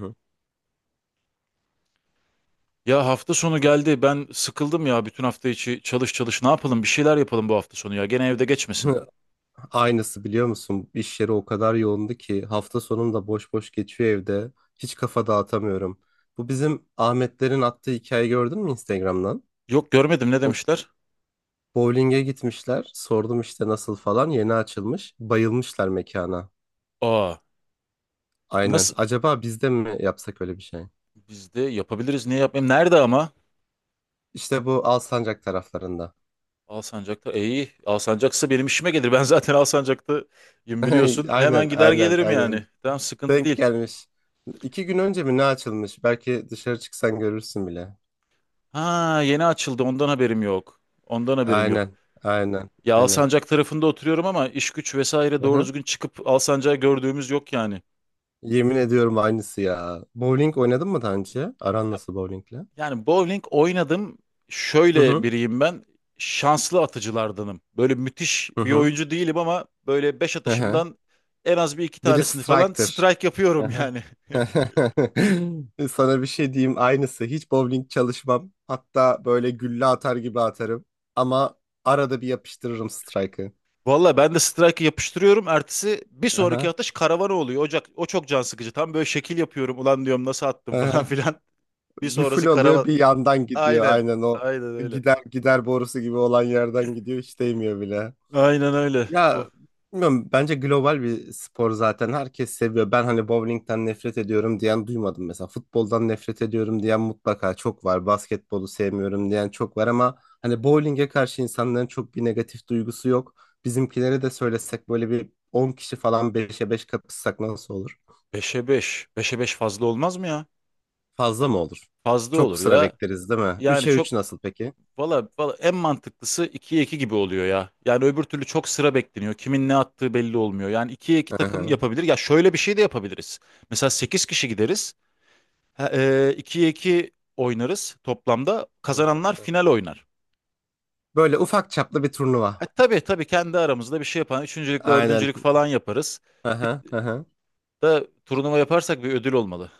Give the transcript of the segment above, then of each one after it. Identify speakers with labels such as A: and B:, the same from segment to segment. A: Hı.
B: Ya hafta sonu geldi. Ben sıkıldım ya bütün hafta içi çalış çalış. Ne yapalım? Bir şeyler yapalım bu hafta sonu ya. Gene evde geçmesin.
A: Aynısı biliyor musun? İş yeri o kadar yoğundu ki hafta sonum da boş boş geçiyor evde. Hiç kafa dağıtamıyorum. Bu bizim Ahmetlerin attığı hikaye gördün mü Instagram'dan?
B: Yok görmedim ne
A: O
B: demişler?
A: bowling'e gitmişler. Sordum işte nasıl falan. Yeni açılmış. Bayılmışlar mekana.
B: Aa
A: Aynen.
B: nasıl?
A: Acaba biz de mi yapsak öyle bir şey?
B: Biz de yapabiliriz. Niye yapmayayım? Nerede ama?
A: İşte bu Alsancak taraflarında.
B: Alsancak'ta. E, iyi. Alsancak'sa benim işime gelir. Ben zaten Alsancak'tayım biliyorsun. Hemen
A: Aynen,
B: gider
A: aynen,
B: gelirim
A: aynen.
B: yani. Tamam sıkıntı
A: Denk
B: değil.
A: gelmiş. İki gün önce mi ne açılmış? Belki dışarı çıksan görürsün bile.
B: Ha yeni açıldı. Ondan haberim yok. Ondan haberim yok.
A: Aynen. Aynen.
B: Ya
A: Aynen.
B: Alsancak tarafında oturuyorum ama iş güç vesaire doğru
A: Hı-hı.
B: düzgün çıkıp Alsancak'ı gördüğümüz yok yani.
A: Yemin ediyorum aynısı ya. Bowling oynadın mı daha önce? Aran nasıl bowlingle?
B: Yani bowling oynadım. Şöyle
A: Hı-hı.
B: biriyim ben. Şanslı atıcılardanım. Böyle müthiş bir
A: Hı-hı.
B: oyuncu değilim ama böyle 5
A: Hı-hı.
B: atışımdan en az bir iki
A: Biri
B: tanesini falan
A: striker.
B: strike yapıyorum
A: Hı-hı.
B: yani.
A: Sana bir şey diyeyim aynısı. Hiç bowling çalışmam. Hatta böyle gülle atar gibi atarım. Ama arada bir yapıştırırım strike'ı.
B: Valla ben de strike'ı yapıştırıyorum. Ertesi bir sonraki
A: Aha,
B: atış karavana oluyor. O çok can sıkıcı. Tam böyle şekil yapıyorum. Ulan diyorum nasıl attım falan
A: aha.
B: filan. Bir
A: Bir full
B: sonrası
A: oluyor
B: karavan.
A: bir yandan gidiyor.
B: Aynen.
A: Aynen o
B: Aynen öyle.
A: gider gider borusu gibi olan yerden gidiyor. Hiç değmiyor bile.
B: Aynen öyle.
A: Ya
B: Of.
A: bilmiyorum bence global bir spor zaten herkes seviyor. Ben hani bowlingden nefret ediyorum diyen duymadım mesela. Futboldan nefret ediyorum diyen mutlaka çok var. Basketbolu sevmiyorum diyen çok var ama hani bowlinge karşı insanların çok bir negatif duygusu yok. Bizimkilere de söylesek böyle bir 10 kişi falan 5'e 5 kapışsak nasıl olur?
B: 5'e 5. 5'e 5 fazla olmaz mı ya?
A: Fazla mı olur?
B: Fazla
A: Çok
B: olur
A: sıra
B: ya.
A: bekleriz değil mi?
B: Yani
A: Üçe
B: çok
A: 3 nasıl peki?
B: Valla valla en mantıklısı 2'ye 2 gibi oluyor ya. Yani öbür türlü çok sıra bekleniyor. Kimin ne attığı belli olmuyor. Yani 2'ye 2
A: Hı
B: takım
A: hı,
B: yapabilir. Ya şöyle bir şey de yapabiliriz. Mesela 8 kişi gideriz. Ha, 2'ye 2 oynarız toplamda.
A: hı hı,
B: Kazananlar
A: hı
B: final
A: hı.
B: oynar.
A: Böyle ufak çaplı bir turnuva.
B: Ha, tabii tabii kendi aramızda bir şey yapan üçüncülük,
A: Aynen.
B: dördüncülük falan yaparız.
A: Hı
B: Bir
A: hı, hı hı.
B: de turnuva yaparsak bir ödül olmalı.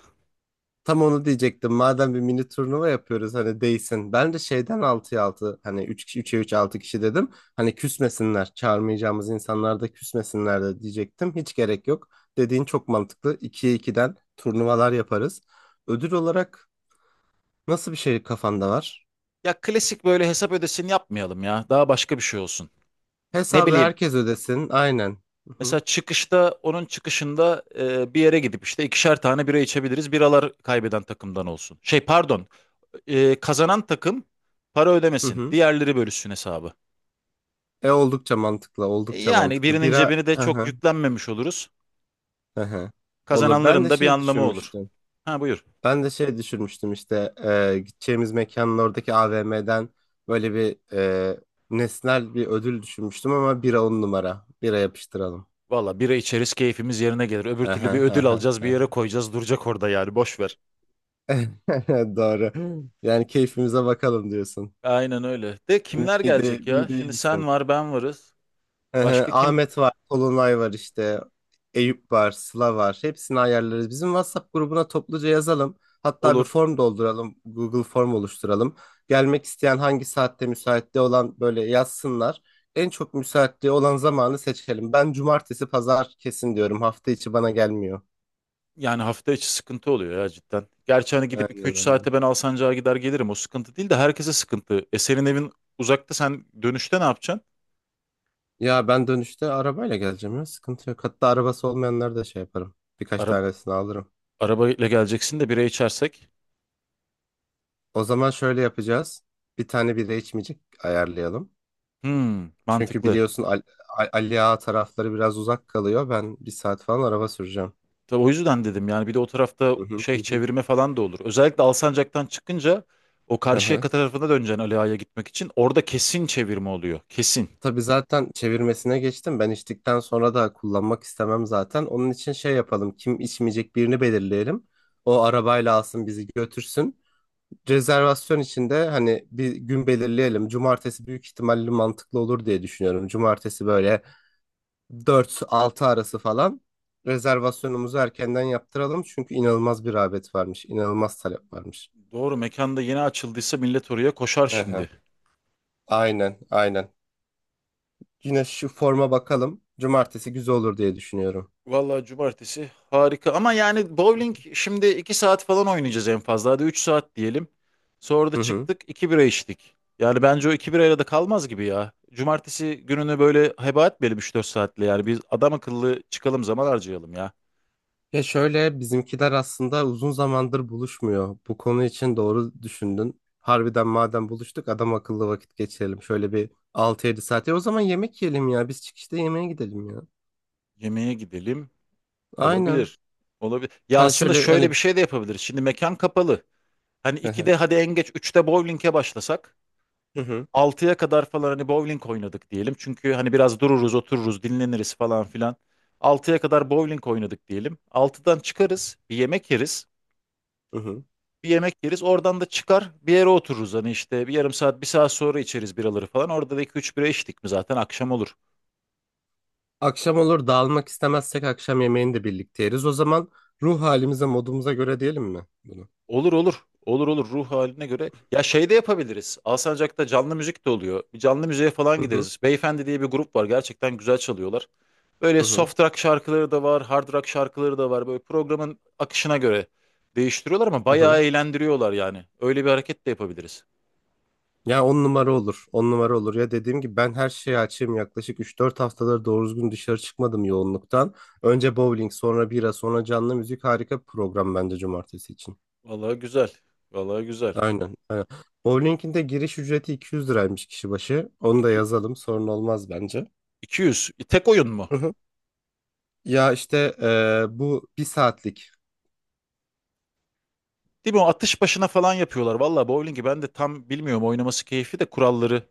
A: Tam onu diyecektim. Madem bir mini turnuva yapıyoruz hani değsin. Ben de şeyden 6'ya 6 hani 3 kişi 3'e 3 6 kişi dedim. Hani küsmesinler. Çağırmayacağımız insanlar da küsmesinler de diyecektim. Hiç gerek yok. Dediğin çok mantıklı. 2'ye 2'den turnuvalar yaparız. Ödül olarak nasıl bir şey kafanda var?
B: Ya klasik böyle hesap ödesini yapmayalım ya. Daha başka bir şey olsun. Ne
A: Hesabı
B: bileyim.
A: herkes ödesin. Aynen. Hı
B: Mesela
A: hı.
B: onun çıkışında bir yere gidip işte ikişer tane bira içebiliriz. Biralar kaybeden takımdan olsun. Şey pardon, kazanan takım para
A: Hı
B: ödemesin.
A: hı.
B: Diğerleri bölüşsün hesabı.
A: E oldukça mantıklı.
B: E,
A: Oldukça
B: Yani
A: mantıklı.
B: birinin
A: Bira.
B: cebini de
A: Hı
B: çok
A: hı.
B: yüklenmemiş oluruz.
A: Hı hı. Olur. Ben
B: Kazananların
A: de
B: da bir
A: şey
B: anlamı olur.
A: düşünmüştüm.
B: Ha buyur.
A: Ben de şey düşünmüştüm işte gideceğimiz mekanın oradaki AVM'den böyle bir nesnel bir ödül düşünmüştüm ama bira on numara. Bira yapıştıralım.
B: Valla bira içeriz keyfimiz yerine gelir. Öbür türlü
A: Aha,
B: bir ödül
A: aha,
B: alacağız bir yere
A: aha.
B: koyacağız duracak orada yani boş ver.
A: Doğru. Yani keyfimize bakalım diyorsun.
B: Aynen öyle. De kimler
A: Mide,
B: gelecek ya?
A: mide
B: Şimdi
A: insin.
B: sen var ben varız.
A: Hı hı,
B: Başka kim
A: Ahmet var, Kolunay var işte, Eyüp var, Sıla var. Hepsini ayarlarız. Bizim WhatsApp grubuna topluca yazalım. Hatta bir
B: olur?
A: form dolduralım, Google form oluşturalım. Gelmek isteyen hangi saatte müsaitliği olan böyle yazsınlar. En çok müsaitliği olan zamanı seçelim. Ben cumartesi, pazar kesin diyorum. Hafta içi bana gelmiyor.
B: Yani hafta içi sıkıntı oluyor ya cidden. Gerçi hani gidip iki
A: Aynen
B: üç
A: aynen.
B: saate ben Alsancak'a gider gelirim. O sıkıntı değil de herkese sıkıntı. E senin evin uzakta sen dönüşte ne yapacaksın?
A: Ya ben dönüşte arabayla geleceğim ya. Sıkıntı yok. Hatta arabası olmayanları da şey yaparım. Birkaç
B: Ara
A: tanesini alırım.
B: arabayla geleceksin de bira içersek.
A: O zaman şöyle yapacağız. Bir tane bira içmeyecek ayarlayalım.
B: Hmm,
A: Çünkü
B: mantıklı.
A: biliyorsun Ali Ağa tarafları biraz uzak kalıyor. Ben bir saat falan araba süreceğim.
B: Tabii o yüzden dedim yani bir de o tarafta
A: Hı hı
B: şey
A: hı hı.
B: çevirme falan da olur. Özellikle Alsancak'tan çıkınca o
A: Hı hı.
B: Karşıyaka tarafına döneceksin Ali Ağa'ya gitmek için. Orada kesin çevirme oluyor. Kesin.
A: Tabii zaten çevirmesine geçtim. Ben içtikten sonra da kullanmak istemem zaten. Onun için şey yapalım. Kim içmeyecek birini belirleyelim. O arabayla alsın bizi götürsün. Rezervasyon için de hani bir gün belirleyelim. Cumartesi büyük ihtimalle mantıklı olur diye düşünüyorum. Cumartesi böyle 4-6 arası falan rezervasyonumuzu erkenden yaptıralım. Çünkü inanılmaz bir rağbet varmış. İnanılmaz talep varmış.
B: Doğru mekanda yeni açıldıysa millet oraya koşar
A: Aha,
B: şimdi.
A: aynen aynen. Yine şu forma bakalım. Cumartesi güzel olur diye düşünüyorum.
B: Vallahi cumartesi harika ama yani bowling şimdi 2 saat falan oynayacağız en fazla hadi 3 saat diyelim. Sonra da
A: Hı hı.
B: çıktık 2 bira içtik. Yani bence o 2 birayla da kalmaz gibi ya. Cumartesi gününü böyle heba etmeyelim 3-4 saatle yani biz adam akıllı çıkalım zaman harcayalım ya.
A: Ya şöyle bizimkiler aslında uzun zamandır buluşmuyor. Bu konu için doğru düşündün. Harbiden madem buluştuk adam akıllı vakit geçirelim. Şöyle bir 6-7 saat. Ya o zaman yemek yiyelim ya. Biz çıkışta yemeğe gidelim ya.
B: Yemeğe gidelim
A: Aynen.
B: olabilir. Olabilir. Ya
A: Hani
B: aslında
A: şöyle
B: şöyle
A: hani...
B: bir şey de yapabiliriz. Şimdi mekan kapalı. Hani
A: Hı hı.
B: 2'de hadi en geç 3'te bowling'e başlasak.
A: Hı hı.
B: 6'ya kadar falan hani bowling oynadık diyelim. Çünkü hani biraz dururuz, otururuz, dinleniriz falan filan. 6'ya kadar bowling oynadık diyelim. 6'dan çıkarız, bir yemek yeriz.
A: Hı hı.
B: Bir yemek yeriz, oradan da çıkar bir yere otururuz. Hani işte bir yarım saat, bir saat sonra içeriz biraları falan. Orada da 2-3 bira içtik mi zaten akşam olur.
A: Akşam olur dağılmak istemezsek akşam yemeğini de birlikte yeriz. O zaman ruh halimize, modumuza göre diyelim mi bunu?
B: Olur olur. Olur olur ruh haline göre. Ya şey de yapabiliriz. Alsancak'ta canlı müzik de oluyor. Bir canlı müziğe falan
A: Hı hı
B: gideriz. Beyefendi diye bir grup var. Gerçekten güzel çalıyorlar. Böyle
A: hı hı.
B: soft rock şarkıları da var, hard rock şarkıları da var. Böyle programın akışına göre değiştiriyorlar ama
A: Hı hı.
B: bayağı eğlendiriyorlar yani. Öyle bir hareket de yapabiliriz.
A: Ya on numara olur. On numara olur. Ya dediğim gibi ben her şeye açığım. Yaklaşık 3-4 haftadır doğru düzgün dışarı çıkmadım yoğunluktan. Önce bowling, sonra bira, sonra canlı müzik harika bir program bence cumartesi için.
B: Vallahi güzel. Vallahi güzel.
A: Aynen. Aynen. Bowling'in de giriş ücreti 200 liraymış kişi başı. Onu da
B: İki-
A: yazalım. Sorun olmaz bence.
B: 200. Tek oyun mu?
A: Hı hı. Ya işte bu bir saatlik.
B: Değil mi? O atış başına falan yapıyorlar. Vallahi bowling'i ben de tam bilmiyorum. Oynaması keyfi de kuralları.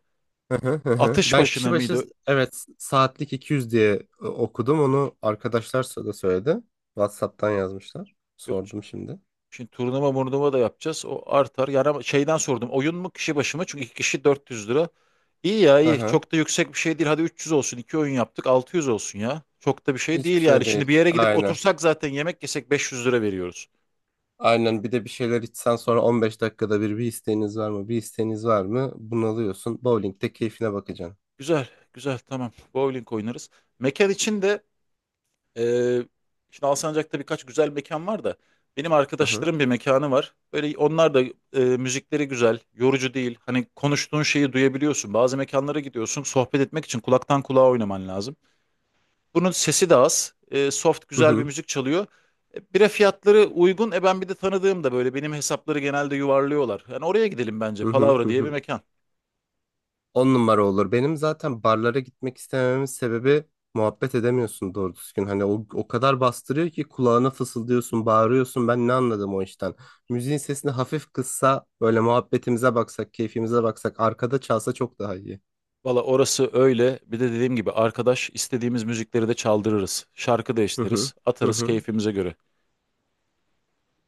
A: Hı hı hı hı.
B: Atış
A: Ben kişi
B: başına
A: başı
B: mıydı?
A: evet saatlik 200 diye okudum. Onu arkadaşlar da söyledi. WhatsApp'tan yazmışlar.
B: Yok.
A: Sordum şimdi.
B: Şimdi turnuva murnuva da yapacağız. O artar. Yani ama şeyden sordum. Oyun mu kişi başı mı? Çünkü iki kişi 400 lira. İyi ya
A: Hı
B: iyi.
A: hı.
B: Çok da yüksek bir şey değil. Hadi 300 olsun. İki oyun yaptık. 600 olsun ya. Çok da bir şey değil
A: Hiçbir
B: yani.
A: şey
B: Şimdi
A: değil.
B: bir yere gidip
A: Aynen.
B: otursak zaten yemek yesek 500 lira veriyoruz.
A: Aynen bir de bir şeyler içsen sonra 15 dakikada bir bir isteğiniz var mı? Bir isteğiniz var mı? Bunalıyorsun. Bowling'de keyfine bakacaksın.
B: Güzel. Güzel tamam. Bowling oynarız. Mekan için de Ee, şimdi Alsancak'ta birkaç güzel mekan var da benim
A: Hı hı.
B: arkadaşlarım bir mekanı var. Böyle onlar da müzikleri güzel, yorucu değil. Hani konuştuğun şeyi duyabiliyorsun. Bazı mekanlara gidiyorsun, sohbet etmek için kulaktan kulağa oynaman lazım. Bunun sesi de az, soft
A: Hı
B: güzel bir
A: hı.
B: müzik çalıyor. Bira fiyatları uygun. Ben bir de tanıdığım da böyle benim hesapları genelde yuvarlıyorlar. Yani oraya gidelim bence.
A: Hı hı.
B: Palavra
A: Hı
B: diye bir
A: hı.
B: mekan.
A: On numara olur. Benim zaten barlara gitmek istemememin sebebi muhabbet edemiyorsun doğru düzgün. Hani o, o kadar bastırıyor ki kulağına fısıldıyorsun, bağırıyorsun. Ben ne anladım o işten? Müziğin sesini hafif kıssa, böyle muhabbetimize baksak, keyfimize baksak, arkada çalsa çok daha iyi.
B: Valla orası öyle. Bir de dediğim gibi arkadaş istediğimiz müzikleri de çaldırırız. Şarkı
A: Hı hı.
B: değiştiririz,
A: Hı
B: atarız
A: hı.
B: keyfimize göre.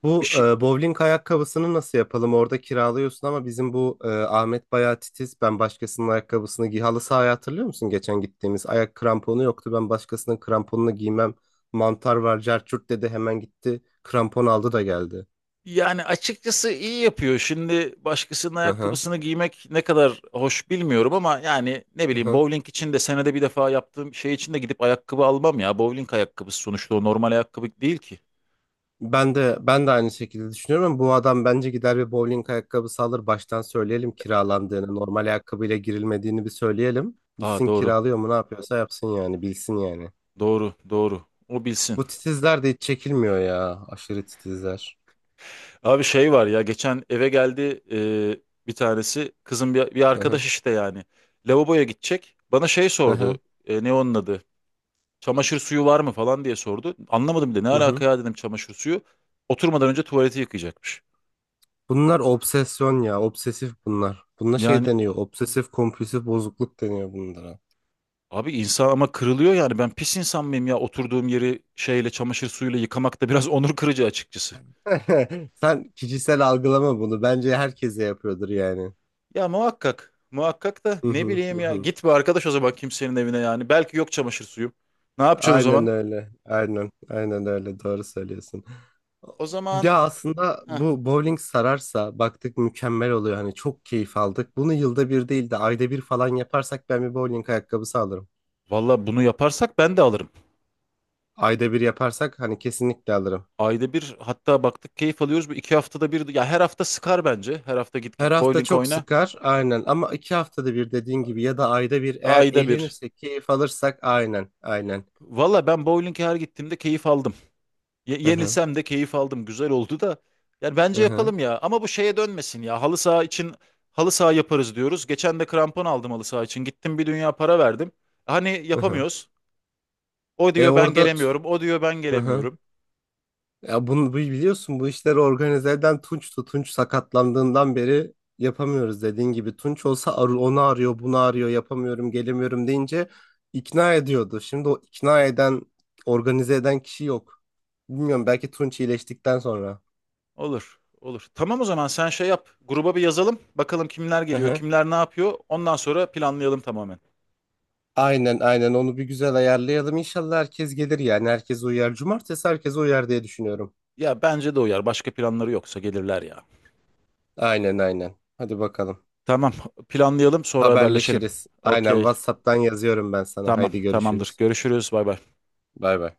A: Bu bowling ayakkabısını nasıl yapalım? Orada kiralıyorsun ama bizim bu Ahmet bayağı titiz. Ben başkasının ayakkabısını giy. Halı sahaya hatırlıyor musun geçen gittiğimiz? Ayak kramponu yoktu. Ben başkasının kramponunu giymem. Mantar var, cerçürt dedi. Hemen gitti. Krampon aldı da geldi.
B: Yani açıkçası iyi yapıyor. Şimdi başkasının
A: Hı hı.
B: ayakkabısını giymek ne kadar hoş bilmiyorum ama yani ne
A: Hı
B: bileyim
A: hı.
B: bowling için de senede bir defa yaptığım şey için de gidip ayakkabı almam ya. Bowling ayakkabısı sonuçta o normal ayakkabı değil ki.
A: Ben de ben de aynı şekilde düşünüyorum ama bu adam bence gider bir bowling ayakkabısı alır. Baştan söyleyelim kiralandığını, normal ayakkabıyla girilmediğini bir söyleyelim.
B: Aa
A: Gitsin
B: doğru.
A: kiralıyor mu ne yapıyorsa yapsın yani bilsin yani.
B: Doğru. Doğru. O bilsin.
A: Bu titizler de hiç çekilmiyor ya. Aşırı titizler.
B: Abi şey var ya geçen eve geldi bir tanesi kızın bir
A: Hı hı.
B: arkadaş işte yani. Lavaboya gidecek. Bana şey
A: Hı
B: sordu.
A: hı.
B: Ne onun adı? Çamaşır suyu var mı falan diye sordu. Anlamadım bile ne
A: Hı hı.
B: alaka ya dedim çamaşır suyu. Oturmadan önce tuvaleti yıkayacakmış.
A: Bunlar obsesyon ya. Obsesif bunlar. Buna şey
B: Yani
A: deniyor. Obsesif kompulsif bozukluk deniyor bunlara.
B: abi insan ama kırılıyor yani ben pis insan mıyım ya oturduğum yeri çamaşır suyuyla yıkamak da biraz onur kırıcı açıkçası.
A: Sen kişisel algılama bunu. Bence herkese yapıyordur yani.
B: Ya muhakkak muhakkak da
A: Hı
B: ne
A: hı.
B: bileyim
A: Hı
B: ya
A: hı.
B: git bir arkadaş o zaman kimsenin evine yani belki yok çamaşır suyu. Ne yapacaksın o
A: Aynen
B: zaman?
A: öyle. Aynen. Aynen öyle. Doğru söylüyorsun.
B: O zaman.
A: Ya aslında
B: Heh.
A: bu bowling sararsa baktık mükemmel oluyor. Hani çok keyif aldık. Bunu yılda bir değil de ayda bir falan yaparsak ben bir bowling ayakkabısı alırım.
B: Valla bunu yaparsak ben de alırım.
A: Ayda bir yaparsak hani kesinlikle alırım.
B: Ayda bir hatta baktık keyif alıyoruz. Bu iki haftada bir ya her hafta sıkar bence. Her hafta git
A: Her
B: git
A: hafta
B: bowling
A: çok
B: oyna.
A: sıkar aynen ama 2 haftada bir dediğin gibi ya da ayda bir eğer
B: Ayda bir.
A: eğlenirsek keyif alırsak aynen aynen.
B: Valla ben bowling'e her gittiğimde keyif aldım.
A: Hı hı
B: Yenilsem de keyif aldım. Güzel oldu da. Yani
A: hı
B: bence
A: hı.
B: yapalım ya. Ama bu şeye dönmesin ya. Halı saha için halı saha yaparız diyoruz. Geçen de krampon aldım halı saha için. Gittim bir dünya para verdim. Hani
A: Hı hı.
B: yapamıyoruz. O
A: E
B: diyor ben
A: orada
B: gelemiyorum. O diyor ben
A: hı hı.
B: gelemiyorum.
A: Ya bunu biliyorsun bu işleri organize eden Tunç'tu. Tunç sakatlandığından beri yapamıyoruz dediğin gibi. Tunç olsa onu arıyor bunu arıyor yapamıyorum gelemiyorum deyince ikna ediyordu. Şimdi o ikna eden organize eden kişi yok. Bilmiyorum belki Tunç iyileştikten sonra.
B: Olur. Olur. Tamam o zaman sen şey yap. Gruba bir yazalım. Bakalım kimler geliyor, kimler ne yapıyor. Ondan sonra planlayalım tamamen.
A: Aynen aynen onu bir güzel ayarlayalım. İnşallah herkes gelir yani herkes uyar. Cumartesi herkes uyar diye düşünüyorum.
B: Ya bence de uyar. Başka planları yoksa gelirler ya.
A: Aynen aynen. Hadi bakalım.
B: Tamam. Planlayalım sonra haberleşelim.
A: Haberleşiriz. Aynen
B: Okey.
A: WhatsApp'tan yazıyorum ben sana.
B: Tamam,
A: Haydi
B: tamamdır.
A: görüşürüz.
B: Görüşürüz. Bay bay.
A: Bay bay.